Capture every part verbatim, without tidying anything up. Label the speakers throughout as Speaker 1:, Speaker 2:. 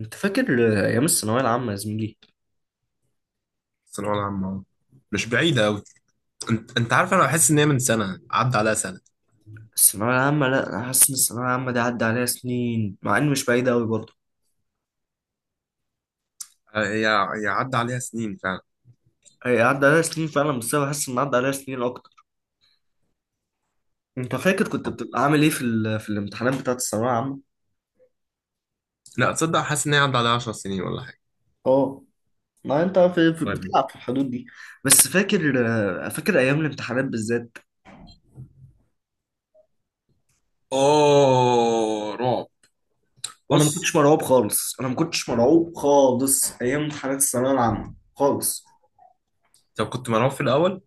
Speaker 1: انت فاكر ايام الثانويه العامه يا زميلي؟
Speaker 2: الثانوية العامة أهو. مش بعيدة أوي. أنت أنت عارف، أنا بحس إن هي من سنة عدى عليها سنة.
Speaker 1: الثانويه العامه، لا انا حاسس ان الثانويه العامه دي عدى عليها سنين، مع ان مش بعيده قوي برضه.
Speaker 2: آه، هي هي عدى عليها سنين فعلا.
Speaker 1: هي عدى عليها سنين فعلا، بس انا حاسس ان عدى عليها سنين اكتر. انت فاكر كنت
Speaker 2: آه.
Speaker 1: بتبقى عامل ايه في ال... في الامتحانات بتاعه الثانويه العامه؟
Speaker 2: لا، تصدق، حاسس إن هي عدى عليها 10 سنين ولا حاجة.
Speaker 1: اه، ما انت في... في...
Speaker 2: طيب.
Speaker 1: بتلعب في الحدود دي. بس فاكر، آه، فاكر ايام الامتحانات بالذات.
Speaker 2: أوه، رعب.
Speaker 1: انا ما
Speaker 2: بص.
Speaker 1: كنتش مرعوب خالص، انا ما كنتش مرعوب خالص ايام امتحانات الثانويه العامه خالص.
Speaker 2: طب كنت مرعوب في الأول؟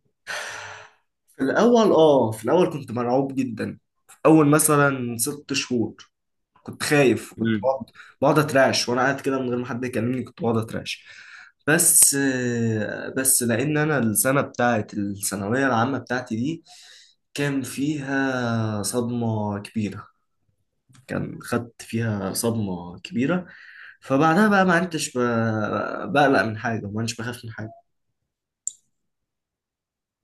Speaker 1: في الاول، اه في الاول كنت مرعوب جدا. اول مثلا ست شهور كنت خايف، كنت
Speaker 2: امم
Speaker 1: بقعد بقعد اترعش، وانا قاعد كده من غير ما حد يكلمني كنت بقعد اترعش. بس، بس لان انا السنه بتاعت الثانويه العامه بتاعتي دي كان فيها صدمه كبيره، كان خدت فيها صدمه كبيره، فبعدها بقى ما عدتش ب- بقلق من حاجه، وما عدتش بخاف من حاجه.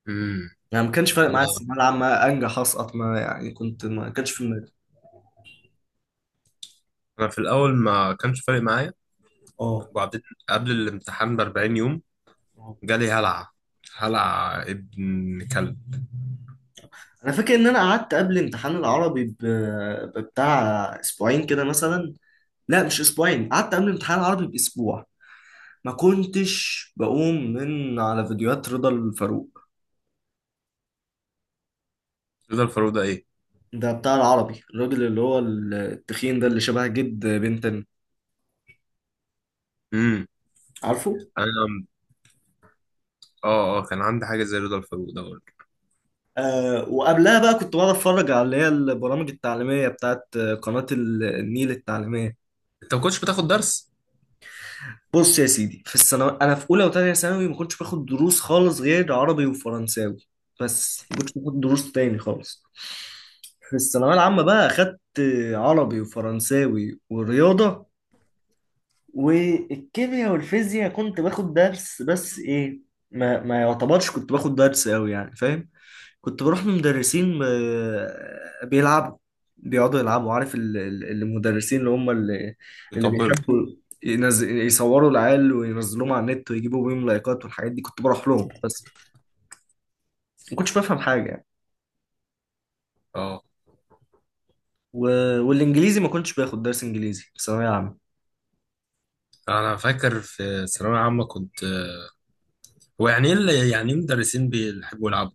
Speaker 2: امم
Speaker 1: يعني ما كانش فارق معايا الثانويه
Speaker 2: أنا
Speaker 1: العامه انجح اسقط، ما يعني كنت ما كانش في دماغي.
Speaker 2: أنا في الأول ما كانش فارق معايا،
Speaker 1: اه،
Speaker 2: وبعدين قبل الامتحان ب 40 يوم جالي هلع، هلع ابن كلب.
Speaker 1: انا فاكر ان انا قعدت قبل امتحان العربي ب... بتاع اسبوعين كده مثلا. لا مش اسبوعين، قعدت قبل امتحان العربي باسبوع ما كنتش بقوم من على فيديوهات رضا الفاروق.
Speaker 2: رضا الفاروق ده إيه؟
Speaker 1: ده بتاع العربي، الراجل اللي هو التخين ده، اللي شبه جد بنتن،
Speaker 2: امم
Speaker 1: عارفه.
Speaker 2: أنا، اه اه كان عندي حاجة زي رضا الفاروق ده برضه.
Speaker 1: آه، وقبلها بقى كنت بقعد اتفرج على اللي هي البرامج التعليمية بتاعت قناة النيل التعليمية.
Speaker 2: أنت ما كنتش بتاخد درس؟
Speaker 1: بص يا سيدي، في الثانوي انا في اولى وثانيه ثانوي ما كنتش باخد دروس خالص غير عربي وفرنساوي. بس ما كنتش باخد دروس تاني خالص. في الثانويه العامه بقى اخدت عربي وفرنساوي ورياضه، والكيمياء والفيزياء كنت باخد درس، بس ايه، ما ما يعتبرش كنت باخد درس قوي يعني، فاهم؟ كنت بروح من مدرسين آه، بيلعبوا، بيقعدوا يلعبوا. عارف ال- ال- المدرسين اللي هم اللي, اللي
Speaker 2: يطبلوا.
Speaker 1: بيحبوا ينزل يصوروا العيال وينزلوهم على النت ويجيبوا بيهم لايكات والحاجات دي، كنت بروح لهم بس ما كنتش بفهم حاجة يعني.
Speaker 2: اه،
Speaker 1: و... والانجليزي ما كنتش باخد درس انجليزي في ثانوية عامة.
Speaker 2: انا فاكر في ثانويه عامه كنت. هو يعني ايه اللي- يعني ايه مدرسين بيحبوا يلعبوا؟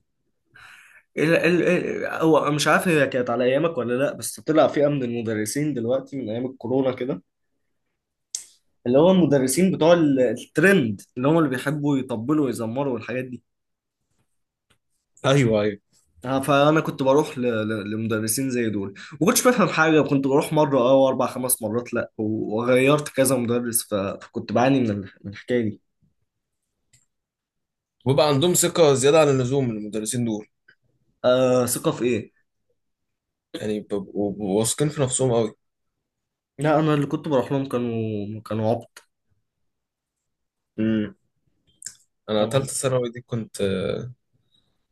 Speaker 1: ال... ال... ال... هو مش عارف هي كانت على ايامك ولا لا، بس طلع فئة من المدرسين دلوقتي من ايام الكورونا كده، اللي هو المدرسين بتوع ال- الترند، اللي هم اللي بيحبوا يطبلوا ويزمروا والحاجات دي.
Speaker 2: ايوه، ايوه.
Speaker 1: آه، فانا كنت بروح ل- ل- لمدرسين زي دول. ما كنتش بفهم حاجه، وكنت بروح مره اه واربع خمس مرات لا، و- وغيرت كذا مدرس، ف- فكنت بعاني من ال- من الحكايه دي.
Speaker 2: ويبقى عندهم ثقة زيادة عن اللزوم، المدرسين دول.
Speaker 1: آه، ثقه في ايه؟
Speaker 2: يعني بيبقوا بيبقوا واثقين في نفسهم قوي.
Speaker 1: لا انا اللي كنت بروح لهم كانوا كانوا عبط.
Speaker 2: امم انا
Speaker 1: كانوا عبط.
Speaker 2: تالتة ثانوي دي كنت، آه،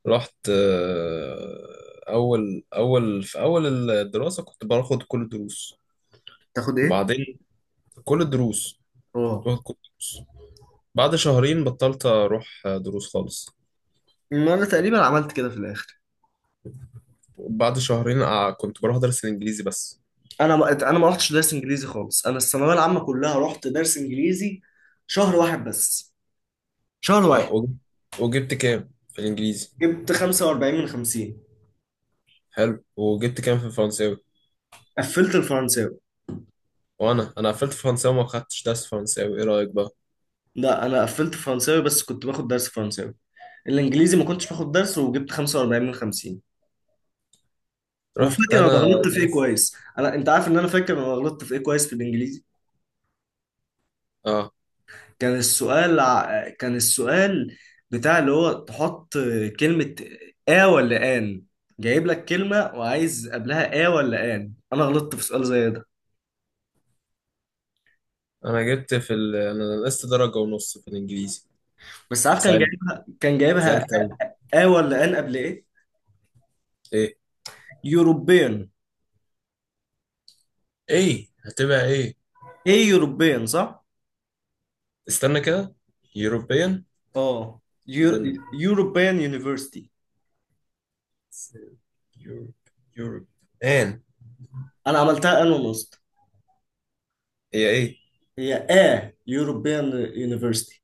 Speaker 2: رحت، آه، اول اول في اول الدراسة كنت باخد كل الدروس.
Speaker 1: تاخد ايه؟
Speaker 2: وبعدين كل الدروس كنت
Speaker 1: اه،
Speaker 2: باخد كل الدروس. بعد شهرين بطلت اروح آه، دروس خالص.
Speaker 1: ما انا تقريبا عملت كده في الاخر.
Speaker 2: بعد شهرين آه، كنت بروح ادرس الانجليزي بس.
Speaker 1: انا ما انا ما رحتش درس انجليزي خالص، انا الثانويه العامه كلها رحت درس انجليزي شهر واحد بس، شهر
Speaker 2: اه،
Speaker 1: واحد.
Speaker 2: وج- وجبت كام في الانجليزي؟
Speaker 1: جبت خمسة وأربعين من خمسين.
Speaker 2: حلو، وجبت كام في الفرنساوي؟
Speaker 1: قفلت الفرنساوي.
Speaker 2: وانا انا قفلت فرنساوي وما خدتش درس فرنساوي، ايه رايك بقى؟
Speaker 1: لا انا قفلت فرنساوي بس كنت باخد درس فرنساوي، الانجليزي ما كنتش باخد درس وجبت خمسة وأربعين من خمسين. وفاكر
Speaker 2: رحت
Speaker 1: انا
Speaker 2: انا
Speaker 1: غلطت في ايه
Speaker 2: درس.
Speaker 1: كويس، انا انت عارف ان انا فاكر انا غلطت في ايه كويس في الانجليزي.
Speaker 2: اه،
Speaker 1: كان السؤال ع- كان السؤال بتاع اللي هو تحط كلمة اه ولا ان. جايب لك كلمة وعايز قبلها اه ولا ان، انا غلطت في سؤال زي ده.
Speaker 2: انا جبت في ال... انا نقصت درجه ونص في الانجليزي.
Speaker 1: بس عارف كان
Speaker 2: زعلت،
Speaker 1: جايبها، كان جايبها
Speaker 2: زعلت قوي.
Speaker 1: اه ولا ان قبل ايه؟
Speaker 2: ايه
Speaker 1: يوروبيان.
Speaker 2: ايه هتبقى ايه؟
Speaker 1: ايه يوروبيان، صح.
Speaker 2: استنى كده. يوروبيان،
Speaker 1: اه، يور...
Speaker 2: اذن
Speaker 1: يوروبيان يونيفرسيتي.
Speaker 2: يوروب يوروب ان،
Speaker 1: انا عملتها ان ونص.
Speaker 2: هي ايه؟
Speaker 1: هي اه يوروبيان يونيفرستي.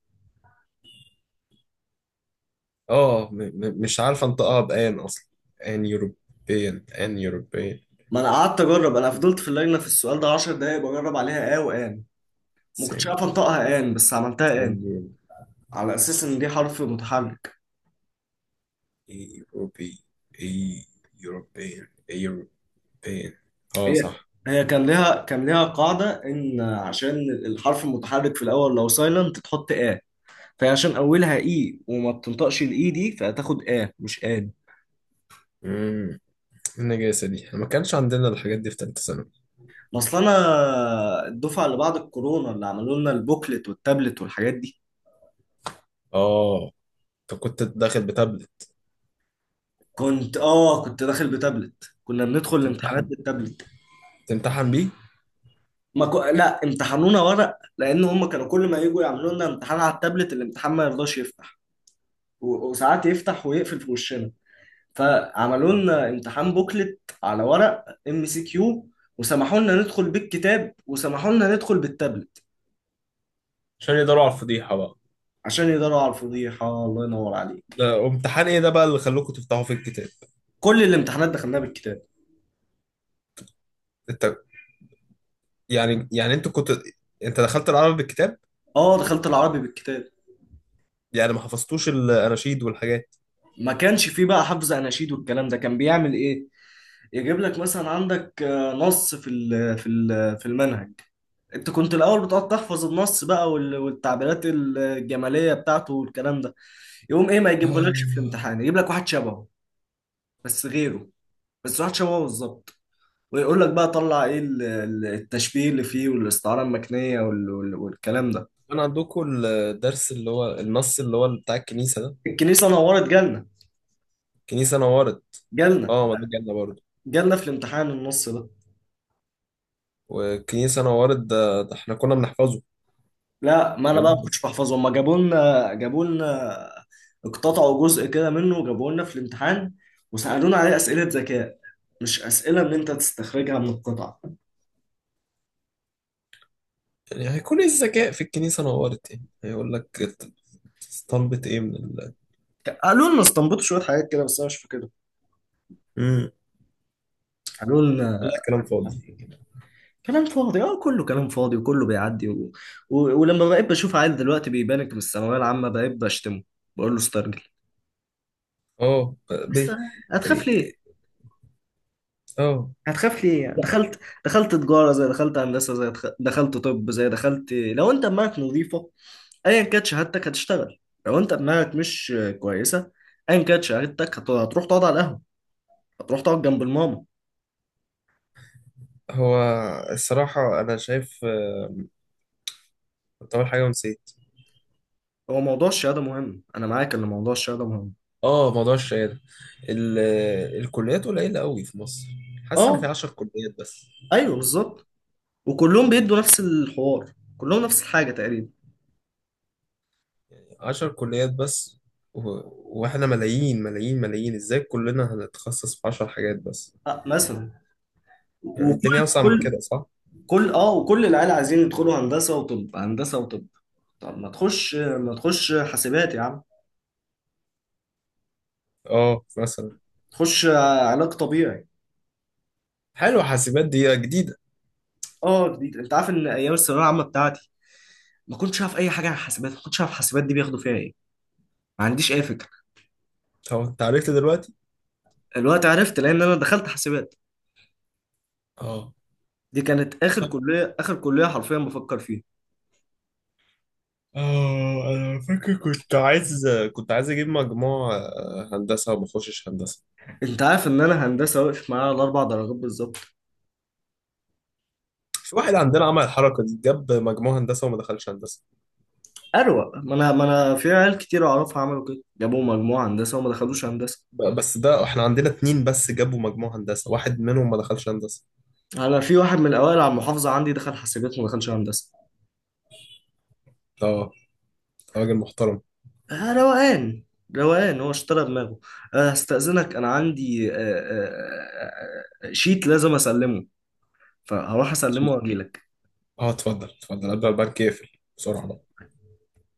Speaker 2: اه، م... م... مش عارف انطقها بان اصلا. ان يوروبيان، ان يوروبيان،
Speaker 1: ما انا قعدت اجرب، انا فضلت في اللجنه في السؤال ده عشر دقايق بجرب عليها اه وان، ما كنتش عارف انطقها ان، بس عملتها
Speaker 2: سن،
Speaker 1: ان على اساس ان دي حرف متحرك.
Speaker 2: ايه اوروبي، ايه يوروبيان، ايه يوروبيان، اه،
Speaker 1: هي
Speaker 2: صح.
Speaker 1: هي كان ليها كان ليها قاعده ان عشان الحرف المتحرك في الاول لو سايلنت تحط اه، فهي عشان اولها اي وما بتنطقش الاي دي فهتاخد اه مش ان.
Speaker 2: امم النجاسة دي ما كانش عندنا، الحاجات دي في تالتة ثانوي.
Speaker 1: اصل انا الدفعه اللي بعد الكورونا اللي عملوا لنا البوكلت والتابلت والحاجات دي.
Speaker 2: اه، انت كنت داخل بتابلت؟
Speaker 1: كنت اه، كنت داخل بتابلت، كنا بندخل الامتحانات
Speaker 2: تمتحن
Speaker 1: بالتابلت.
Speaker 2: تمتحن بيه؟
Speaker 1: ما ك... لا امتحنونا ورق، لان هم كانوا كل ما يجوا يعملوا لنا امتحان على التابلت الامتحان ما يرضاش يفتح، و... وساعات يفتح ويقفل في وشنا. فعملوا لنا امتحان بوكلت على ورق ام سي كيو، وسمحوا لنا ندخل بالكتاب وسمحوا لنا ندخل بالتابلت.
Speaker 2: عشان يقدروا على الفضيحة بقى.
Speaker 1: عشان يقدروا على الفضيحه، الله ينور عليك.
Speaker 2: ده امتحان ايه ده بقى اللي خلوكوا تفتحوا في الكتاب؟
Speaker 1: كل الامتحانات دخلناها بالكتاب.
Speaker 2: انت، يعني يعني انت كنت انت دخلت العربي بالكتاب؟
Speaker 1: اه دخلت العربي بالكتاب.
Speaker 2: يعني ما حفظتوش الاناشيد والحاجات؟
Speaker 1: ما كانش فيه بقى حفظ اناشيد والكلام ده، كان بيعمل ايه؟ يجيب لك مثلا عندك آه، نص في ال- في ال- في المنهج، انت كنت الاول بتقعد تحفظ النص بقى وال- والتعبيرات الجماليه بتاعته والكلام ده، يقوم ايه ما يجيبهولكش في
Speaker 2: آه.
Speaker 1: الامتحان، يجيب لك واحد شبهه، بس غيره، بس واحد شبهه بالظبط، ويقول لك بقى طلع ايه ال- ال- التشبيه اللي فيه والاستعاره المكنيه وال- وال- والكلام ده.
Speaker 2: كان عندكم الدرس اللي هو النص اللي هو بتاع الكنيسة ده؟
Speaker 1: الكنيسه نورت جالنا.
Speaker 2: الكنيسة نورت.
Speaker 1: جالنا.
Speaker 2: اه، ما ده جالنا برضه.
Speaker 1: جالنا في الامتحان النص ده.
Speaker 2: والكنيسة نورت ده, ده, احنا كنا بنحفظه.
Speaker 1: لا ما انا بقى ما
Speaker 2: يعني
Speaker 1: كنتش بحفظه، هما جابوا لنا جابوا لنا اقتطعوا جزء كده منه وجابوه لنا في الامتحان، وسألونا عليه أسئلة ذكاء، مش أسئلة إن أنت تستخرجها من القطع.
Speaker 2: هيكون ايه الذكاء في الكنيسة نورت؟ يعني هيقول لك ات- طلبت ايه من الله؟
Speaker 1: قالوا لنا استنبطوا شوية حاجات كده، بس أنا مش فاكرها.
Speaker 2: امم
Speaker 1: قالوا لنا
Speaker 2: والله، كلام فاضي.
Speaker 1: كده. كلام فاضي، اه كله كلام فاضي وكله بيعدي. و... و... ولما بقيت بشوف عيل دلوقتي بيبانك من الثانوية العامة، بقيت بشتمه، بقول له استرجل.
Speaker 2: اه، ب...
Speaker 1: بس هتخاف ليه؟
Speaker 2: اه
Speaker 1: هتخاف ليه يعني؟
Speaker 2: لا،
Speaker 1: دخلت، دخلت تجارة زي، دخلت هندسة زي، دخ- دخلت طب زي، دخلت لو انت دماغك نظيفة ايا كانت شهادتك هتشتغل. لو انت دماغك مش كويسة، ايا كانت شهادتك هت- هتروح تقعد على القهوة، هتروح تقعد جنب الماما.
Speaker 2: هو الصراحة أنا شايف، آه، كنت أول حاجة ونسيت.
Speaker 1: هو موضوع الشهادة مهم، انا معاك ان موضوع الشهادة مهم.
Speaker 2: اه، موضوع الشهادة ال... الكليات قليلة قوي في مصر. حاسس إن في
Speaker 1: اه
Speaker 2: عشر كليات بس،
Speaker 1: ايوه بالظبط، وكلهم بيدوا نفس الحوار، كلهم نفس الحاجة تقريبا.
Speaker 2: عشر كليات بس، و... واحنا ملايين ملايين ملايين، ازاي كلنا هنتخصص في عشر حاجات بس؟
Speaker 1: أه مثلا،
Speaker 2: يعني
Speaker 1: وكل
Speaker 2: الدنيا أوسع من
Speaker 1: كل
Speaker 2: كده، صح؟
Speaker 1: كل اه وكل العيال عايزين يدخلوا هندسة وطب، هندسة وطب. طب ما تخش، ما تخش حاسبات يا عم،
Speaker 2: اه، مثلا.
Speaker 1: تخش علاج طبيعي.
Speaker 2: حلو، حاسبات دي جديدة.
Speaker 1: اه جديد، انت عارف ان ايام الثانويه العامه بتاعتي ما كنتش عارف اي حاجه عن حاسبات، ما كنتش عارف حاسبات دي بياخدوا فيها ايه، ما عنديش اي فكره.
Speaker 2: طب أنت عرفت دلوقتي؟
Speaker 1: الوقت عرفت، لان انا دخلت حاسبات.
Speaker 2: اه.
Speaker 1: دي كانت اخر كليه، اخر كليه حرفيا بفكر فيها.
Speaker 2: اه، انا فاكر كنت عايز كنت عايز اجيب مجموع آه، هندسه وما اخشش هندسه.
Speaker 1: انت عارف ان انا هندسه واقف معايا على اربع درجات بالظبط.
Speaker 2: في واحد عندنا عمل الحركه دي، جاب مجموع هندسه وما دخلش هندسه.
Speaker 1: اروق، ما انا ما انا في عيال كتير اعرفها عملوا كده، جابوا مجموعه هندسه وما دخلوش هندسه.
Speaker 2: ب- بس ده احنا عندنا اتنين بس جابوا مجموع هندسه، واحد منهم ما دخلش هندسه.
Speaker 1: انا في واحد من الاوائل على المحافظه عندي دخل حاسبات وما دخلش هندسه.
Speaker 2: اه، راجل محترم.
Speaker 1: آه روقان، روقان، هو اشترى دماغه. آه، هستأذنك، انا عندي آه، آه، آه، آه، آه، شيت لازم اسلمه، فهروح اسلمه واجيلك.
Speaker 2: اه، اتفضل اتفضل قبل ما البنك يقفل. بسرعه بقى.